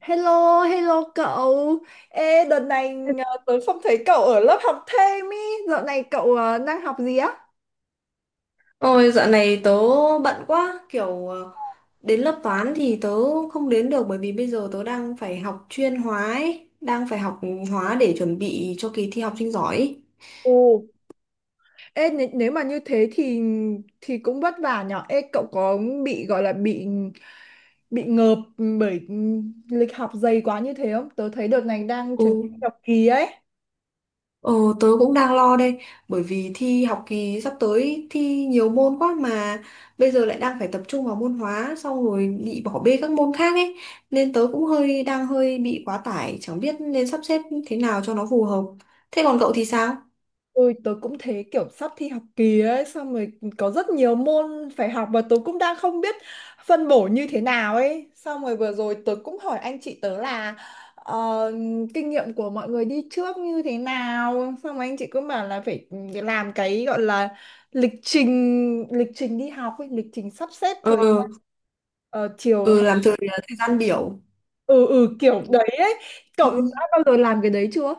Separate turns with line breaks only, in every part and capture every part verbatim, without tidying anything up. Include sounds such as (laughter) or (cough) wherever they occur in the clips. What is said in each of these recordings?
Hello, hello cậu. Ê, đợt này ờ, tớ không thấy cậu ở lớp học thêm ý. Dạo này cậu ờ, đang học gì á?
Ôi dạo này tớ bận quá kiểu ờ, đến lớp toán thì tớ không đến được bởi vì bây giờ tớ đang phải học chuyên hóa ấy, đang phải học hóa để chuẩn bị cho kỳ thi học sinh giỏi ấy.
Ồ, ê, nếu, nếu mà như thế thì thì cũng vất vả nhở. Ê, cậu có bị gọi là bị bị ngợp bởi lịch học dày quá như thế không? Tớ thấy đợt này đang chuyển
Ừ,
sang học kỳ ấy.
ờ, tớ cũng đang lo đây bởi vì thi học kỳ sắp tới thi nhiều môn quá mà bây giờ lại đang phải tập trung vào môn hóa xong rồi bị bỏ bê các môn khác ấy nên tớ cũng hơi đang hơi bị quá tải chẳng biết nên sắp xếp thế nào cho nó phù hợp. Thế còn cậu thì sao?
Ôi, tớ cũng thế, kiểu sắp thi học kỳ ấy, xong rồi có rất nhiều môn phải học và tớ cũng đang không biết phân bổ như thế nào ấy, xong rồi vừa rồi tớ cũng hỏi anh chị tớ là ờ, kinh nghiệm của mọi người đi trước như thế nào, xong rồi anh chị cũng bảo là phải làm cái gọi là lịch trình lịch trình đi học ấy, lịch trình sắp xếp thời gian,
Ừ.
ờ, chiều
Ừ,
học.
làm thời thời gian biểu.
Ừ, ừ, kiểu đấy ấy, cậu đã
Ừ.
bao giờ làm cái đấy chưa?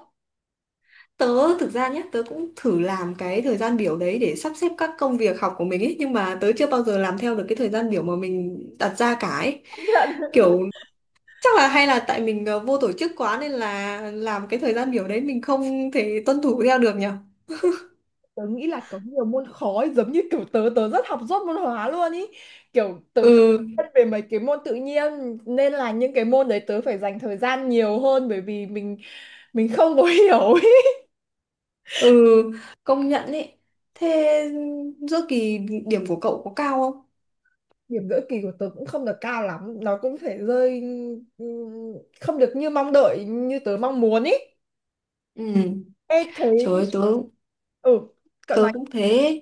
Tớ thực ra nhé, tớ cũng thử làm cái thời gian biểu đấy để sắp xếp các công việc học của mình ấy, nhưng mà tớ chưa bao giờ làm theo được cái thời gian biểu mà mình đặt ra cả ấy.
(laughs)
Kiểu chắc là hay là tại mình ờ, vô tổ chức quá nên là làm cái thời gian biểu đấy mình không thể tuân thủ theo được nhở.
Tớ nghĩ là có nhiều môn khó ấy, giống như kiểu tớ tớ rất học dốt môn hóa luôn ý, kiểu tớ không
Ừ,
biết về mấy cái môn tự nhiên nên là những cái môn đấy tớ phải dành thời gian nhiều hơn bởi vì mình mình không có (laughs) hiểu ý.
ừ, công nhận ấy. Thế giữa kỳ điểm của cậu có cao không?
Điểm giữa kỳ của tớ cũng không được cao lắm, nó cũng phải rơi ừm, không được như mong đợi như tớ mong muốn ý.
Ừ,
Ê thế,
trời ơi, tớ
ừ, cậu
tớ
nói.
cũng thế.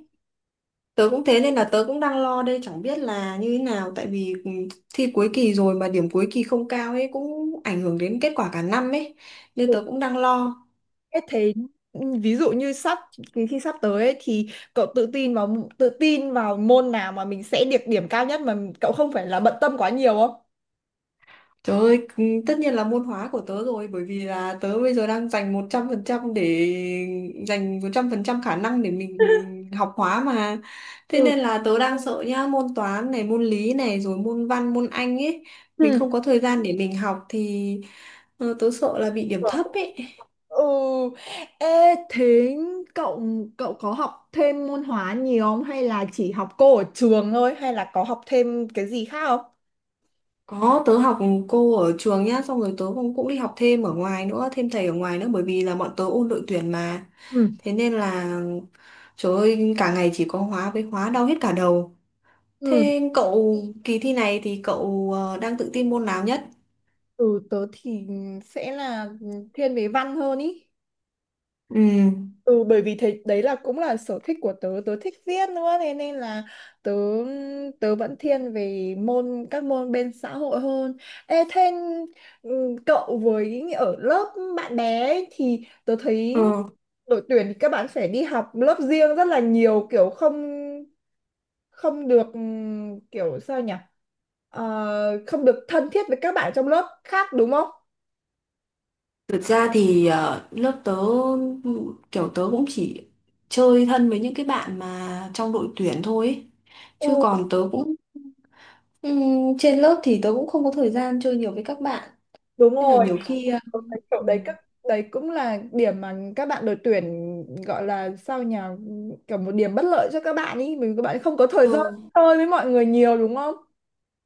Tớ cũng thế nên là tớ cũng đang lo đây chẳng biết là như thế nào tại vì ừ, thi cuối kỳ rồi mà điểm cuối kỳ không cao ấy cũng ảnh hưởng đến kết quả cả năm ấy nên tớ cũng đang lo.
Thế thế, ừ, ví dụ như sắp kỳ thi sắp tới ấy, thì cậu tự tin vào tự tin vào môn nào mà mình sẽ được điểm cao nhất mà cậu không phải là bận tâm quá nhiều không?
Trời ơi, ừ, tất nhiên là môn hóa của tớ rồi bởi vì là tớ bây giờ đang dành một trăm phần trăm để dành một trăm phần trăm khả năng để mình học hóa mà. Thế
Ừ.
nên là tớ đang sợ nhá, môn toán này, môn lý này rồi môn văn, môn Anh ấy, mình
Ừ.
không có thời gian để mình học thì ờ, tớ sợ là bị điểm thấp ấy.
Ừ. Ê, thế cậu cậu có học thêm môn hóa nhiều không hay là chỉ học cô ở trường thôi hay là có học thêm cái gì khác không?
Có, tớ học cô ở trường nhá, xong rồi tớ cũng cũng đi học thêm ở ngoài nữa, thêm thầy ở ngoài nữa bởi vì là bọn tớ ôn đội tuyển mà.
Ừ.
Thế nên là trời ơi, cả ngày chỉ có hóa với hóa đau hết cả đầu.
Ừ.
Thế cậu kỳ thi này thì cậu ờ, đang tự tin môn nào nhất?
Ừ, tớ thì sẽ là thiên về văn hơn ý.
Ừ.
Ừ, bởi vì thế đấy là cũng là sở thích của tớ, tớ thích viết nữa thế nên là tớ tớ vẫn thiên về môn các môn bên xã hội hơn. Ê, thế ừ, cậu với ở lớp bạn bè ấy, thì tớ thấy
Ừ.
đội tuyển thì các bạn phải đi học lớp riêng rất là nhiều, kiểu không không được ừm, kiểu sao nhỉ. Ờ, không được thân thiết với các bạn trong lớp khác đúng không?
Thực ra thì ờ, lớp tớ kiểu tớ cũng chỉ chơi thân với những cái bạn mà trong đội tuyển thôi ấy.
Ừ,
Chứ còn tớ cũng. Ừm, trên lớp thì tớ cũng không có thời gian chơi nhiều với các bạn
đúng
nên là
rồi.
nhiều khi ờ,
Tôi thấy chỗ đấy các, đấy cũng là điểm mà các bạn đội tuyển gọi là sao nhỉ, kiểu một điểm bất lợi cho các bạn ý, bởi vì các bạn không có thời
Ờ,
gian chơi với mọi người nhiều đúng không?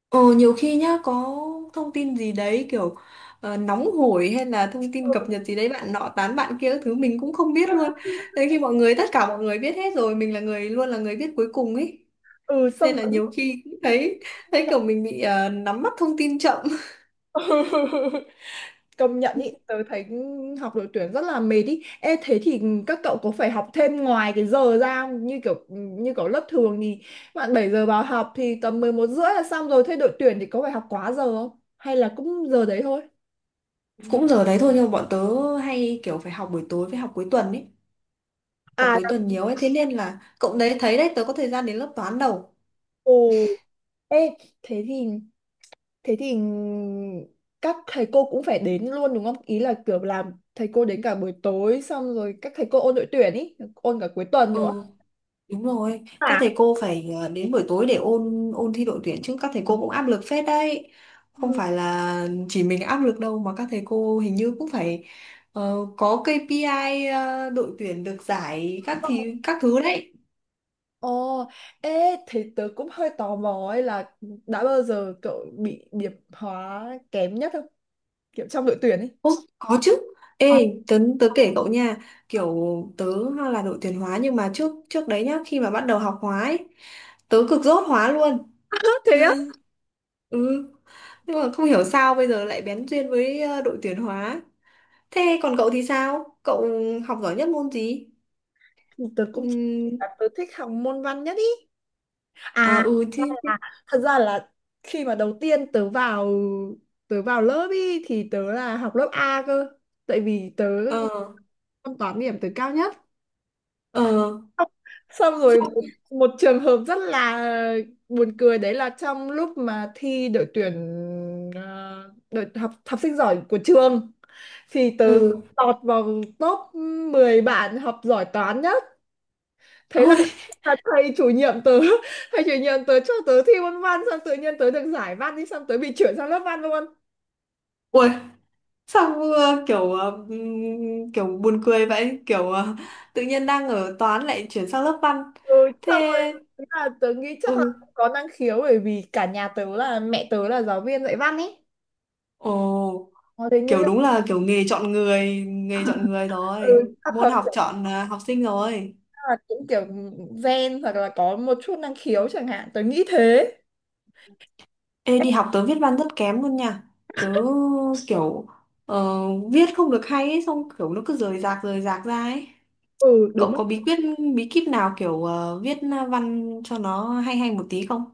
ờ, nhiều khi nhá có thông tin gì đấy kiểu ờ, nóng hổi hay là thông tin cập nhật gì đấy bạn nọ tán bạn kia các thứ mình cũng không biết luôn. Nên khi mọi người tất cả mọi người biết hết rồi mình là người luôn là người biết cuối cùng ấy.
Ừ,
Nên
xong
là
rồi.
nhiều khi cũng thấy thấy kiểu mình bị ờ, nắm bắt thông tin chậm.
(laughs) Công nhận ý, tớ thấy học đội tuyển rất là mệt ý. Ê thế thì các cậu có phải học thêm ngoài cái giờ ra không? như kiểu như kiểu lớp thường thì bạn bảy giờ vào học thì tầm mười một rưỡi là xong rồi, thế đội tuyển thì có phải học quá giờ không hay là cũng giờ đấy thôi?
Cũng giờ đấy thôi nhưng mà bọn tớ hay kiểu phải học buổi tối với học cuối tuần ấy. Học
À,
cuối tuần
là-
nhiều ấy thế nên là cậu đấy thấy đấy tớ có thời gian đến lớp toán đâu.
ồ. Ê, thế thì thế thì các thầy cô cũng phải đến luôn đúng không? Ý là kiểu làm thầy cô đến cả buổi tối xong rồi các thầy cô ôn đội tuyển ý, ôn cả cuối tuần
Ừ.
nữa.
Đúng rồi, các
À,
thầy cô phải ờ, đến buổi tối để ôn ôn thi đội tuyển chứ các thầy cô cũng áp lực phết đấy. Không
ừ.
phải là chỉ mình áp lực đâu mà các thầy cô hình như cũng phải ờ, có kay pi ai, ờ, đội tuyển được giải các thì các thứ đấy.
Ồ, ê, thế tớ cũng hơi tò mò ấy là đã bao giờ cậu bị điểm hóa kém nhất không? Kiểu trong đội tuyển ấy.
Ô, có chứ. Ê, tớ, tớ kể cậu nha, kiểu tớ là đội tuyển hóa nhưng mà trước trước đấy nhá, khi mà bắt đầu học hóa ấy, tớ cực dốt hóa luôn.
(laughs) Thế á?
Ừ. Nhưng mà không hiểu sao bây giờ lại bén duyên với ờ, đội tuyển hóa. Thế còn cậu thì sao? Cậu học giỏi nhất môn gì?
Tớ cũng,
Ừ.
tớ thích học môn văn nhất ý.
À,
À,
ừ
thật
thì.
ra là thật ra là khi mà đầu tiên tớ vào tớ vào lớp ý thì tớ là học lớp A cơ, tại vì tớ
ờ
môn toán điểm tớ cao nhất,
ờ
xong xong rồi
sao
một, một trường hợp rất là buồn cười đấy là trong lúc mà thi đội tuyển ờ, đội học học sinh giỏi của trường thì tớ
Ừ.
lọt vào top mười bạn học giỏi toán nhất, thế là
Ôi.
(laughs) là thầy chủ nhiệm tớ (laughs) thầy chủ nhiệm tớ cho tớ thi môn văn, xong tự nhiên tớ được giải văn đi, xong tớ bị chuyển sang lớp văn luôn.
Ui. Sao vừa kiểu ờ, ừm, kiểu buồn cười vậy kiểu ờ, tự nhiên đang ở toán lại chuyển sang lớp văn
Ừ,
thế.
xong rồi thế là tớ nghĩ chắc là
Ừ.
có năng khiếu bởi vì cả nhà tớ, là mẹ tớ là giáo viên dạy văn ấy.
Ồ,
Ờ, thế nên
kiểu
là
đúng là kiểu nghề chọn người nghề chọn người rồi
ừ, chắc
môn
hợp
học
sẽ
chọn ờ, học sinh rồi.
là cũng kiểu gen hoặc là có một chút năng khiếu chẳng hạn, tớ nghĩ thế.
Ê, đi học tớ viết văn rất kém luôn nha. Tớ kiểu ờ, viết không được hay ấy, xong kiểu nó cứ rời rạc rời rạc ra ấy.
Ừ, đúng.
Cậu có bí quyết bí kíp nào kiểu ờ, viết văn cho nó hay hay một tí không?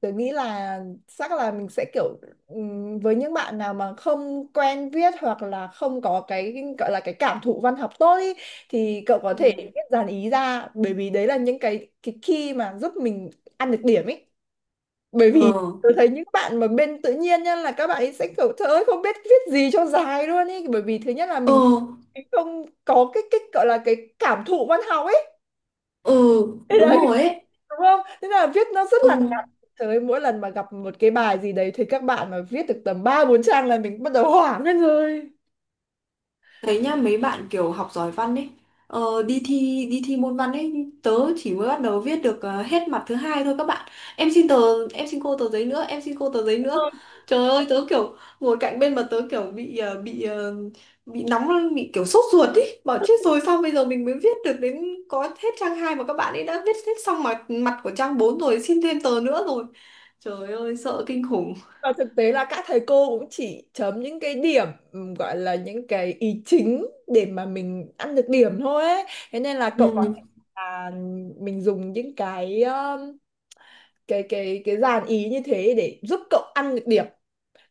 Tớ nghĩ là chắc là mình sẽ kiểu ừm, với những bạn nào mà không quen viết hoặc là không có cái gọi là cái cảm thụ văn học tốt ý, thì cậu có
Ừ.
thể viết dàn ý ra bởi vì đấy là những cái cái key mà giúp mình ăn được điểm ấy. Bởi
Ờ,
vì tôi thấy những bạn mà bên tự nhiên nha, là các bạn ấy sẽ kiểu trời ơi không biết viết gì cho dài luôn ý, bởi vì thứ nhất là
ờ,
mình mình không có cái cái gọi là cái cảm thụ văn học ấy.
ờ,
Thế
đúng
đấy,
rồi ấy.
đúng không, thế là viết nó rất là ngắn.
Ừ,
Trời ơi, mỗi lần mà gặp một cái bài gì đấy thì các bạn mà viết được tầm ba bốn trang là mình bắt đầu hoảng lên rồi.
thấy nhá mấy bạn kiểu học giỏi văn ấy ờ, đi thi đi thi môn văn ấy tớ chỉ mới bắt đầu viết được ờ, hết mặt thứ hai thôi, các bạn em xin tờ em xin cô tờ giấy nữa, em xin cô tờ giấy nữa. Trời ơi tớ kiểu ngồi cạnh bên mà tớ kiểu bị ờ, bị ờ, bị nóng lên, bị kiểu sốt ruột ý bảo chết rồi sao bây giờ mình mới viết được đến có hết trang hai mà các bạn ấy đã viết hết xong mặt mặt của trang bốn rồi xin thêm tờ nữa rồi, trời ơi sợ kinh khủng.
Và thực tế là các thầy cô cũng chỉ chấm những cái điểm ừm, gọi là những cái ý chính để mà mình ăn được điểm thôi ấy. Thế nên là cậu có
Ừ.
thể là mình dùng những cái um, cái cái cái dàn ý như thế để giúp cậu ăn được điểm,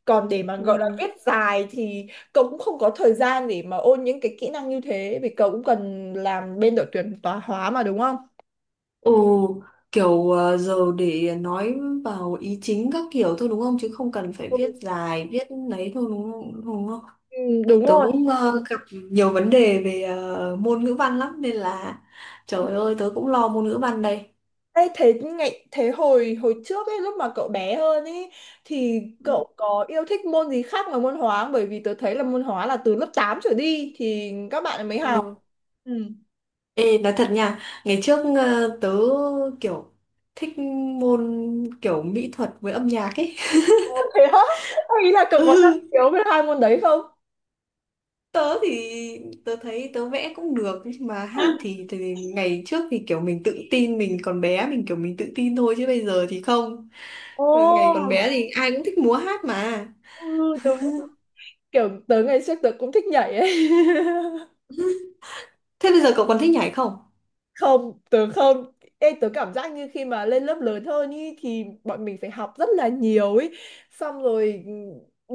còn để mà gọi là
Ừ.
viết dài thì cậu cũng không có thời gian để mà ôn những cái kỹ năng như thế vì cậu cũng cần làm bên đội tuyển toán hóa mà đúng không?
Ồ, kiểu ờ, giờ để nói vào ý chính các kiểu thôi đúng không? Chứ không cần phải
Ừ,
viết dài, viết lấy thôi đúng không? Đúng không?
ừ,
Tại
đúng
tớ
rồi.
cũng ờ, gặp nhiều vấn đề về ờ, môn ngữ văn lắm nên là trời ơi tớ cũng lo môn ngữ văn đây.
Ê, thế ngày thế hồi hồi trước ấy lúc mà cậu bé hơn ấy thì
Ừ.
cậu có yêu thích môn gì khác ngoài môn hóa không? Bởi vì tớ thấy là môn hóa là từ lớp tám trở đi thì các bạn mới học.
Ừ.
Ừ.
Ê, nói thật nha, ngày trước ờ, tớ kiểu thích môn kiểu mỹ thuật với âm nhạc ấy. (laughs)
Thế á? Có. Ý là cậu
Ừ.
có năng khiếu về hai môn đấy không?
Tớ thì tớ thấy tớ vẽ cũng được nhưng mà hát thì, thì ngày trước thì kiểu mình tự tin mình còn bé mình kiểu mình tự tin thôi chứ bây giờ thì không.
Ồ,
Ừ, ngày còn bé thì ai cũng thích múa hát mà.
ừ, đúng. Kiểu tớ ngày trước tớ cũng thích nhảy ấy. (laughs)
Thế bây giờ cậu còn thích nhảy không?
Không, tớ không. Ê, tớ cảm giác như khi mà lên lớp lớn hơn ý, thì bọn mình phải học rất là nhiều ý. Xong rồi ừ,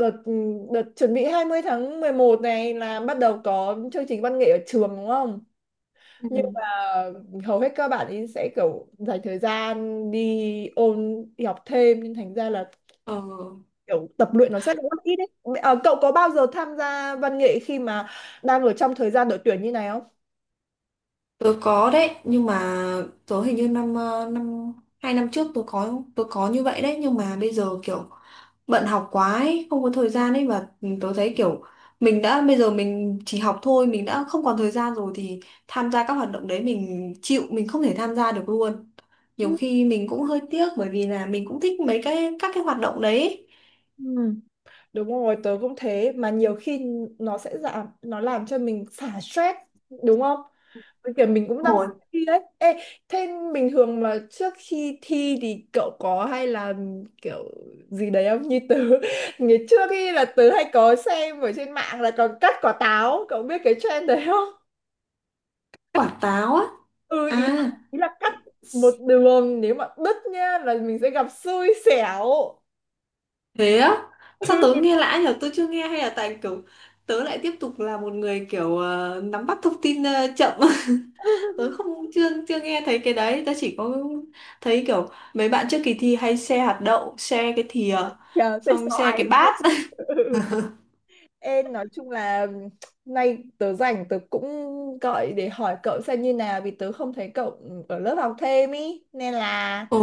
đợt ừ, đợt chuẩn bị hai mươi tháng mười một này là bắt đầu có chương trình văn nghệ ở trường đúng không?
Ừ.
Nhưng mà hầu hết các bạn ý sẽ kiểu dành thời gian đi ôn đi học thêm nên thành ra là
Ờ.
kiểu tập luyện nó sẽ rất ít đấy. Ờ, cậu có bao giờ tham gia văn nghệ khi mà đang ở trong thời gian đội tuyển như này không?
Tớ có đấy, nhưng mà tớ hình như năm ờ, năm hai năm trước tớ có tớ có như vậy đấy, nhưng mà bây giờ kiểu bận học quá ấy, không có thời gian ấy, và tớ thấy kiểu mình đã bây giờ mình chỉ học thôi, mình đã không còn thời gian rồi thì tham gia các hoạt động đấy mình chịu, mình không thể tham gia được luôn. Nhiều khi mình cũng hơi tiếc bởi vì là mình cũng thích mấy cái các cái hoạt động đấy.
Ừ. Đúng rồi, tớ cũng thế mà nhiều khi nó sẽ giảm, nó làm cho mình xả stress đúng không? Với kiểu mình cũng đang
Hồi
sắp thi đấy. Ê, thế bình thường mà trước khi thi thì cậu có hay là kiểu gì đấy không? Như tớ (laughs) ngày trước khi là tớ hay có xem ở trên mạng là còn cắt quả táo, cậu biết cái trend đấy không?
quả táo á.
Ừ, ý
À.
là, ý là cắt một đường nếu mà đứt nhá là mình sẽ gặp xui xẻo.
Thế á? Sao tớ nghe lạ nhở? Tớ chưa nghe hay là tại kiểu tớ lại tiếp tục là một người kiểu ờ, nắm bắt thông tin ờ, chậm. (laughs) Tớ
(laughs)
không chưa chưa nghe thấy cái đấy, tớ chỉ có thấy kiểu mấy bạn trước kỳ thi hay share hạt đậu, share cái thìa,
Trời, sẽ
xong share
xoài.
cái bát.
(laughs)
(laughs)
Ê, nói chung là nay tớ rảnh tớ cũng gọi để hỏi cậu xem như nào vì tớ không thấy cậu ở lớp học thêm ý nên là
Ồ,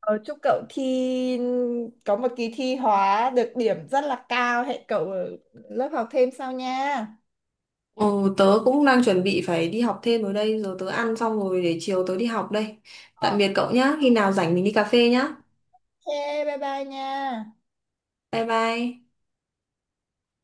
ờ, chúc cậu thi có một kỳ thi hóa được điểm rất là cao, hẹn cậu ở lớp học thêm sau nha.
ồ, tớ cũng đang chuẩn bị phải đi học thêm rồi đây rồi tớ ăn xong rồi để chiều tớ đi học đây. Tạm
Ờ.
biệt cậu nhá, khi nào rảnh mình đi cà phê nhá.
Ok, bye bye nha.
Bye bye.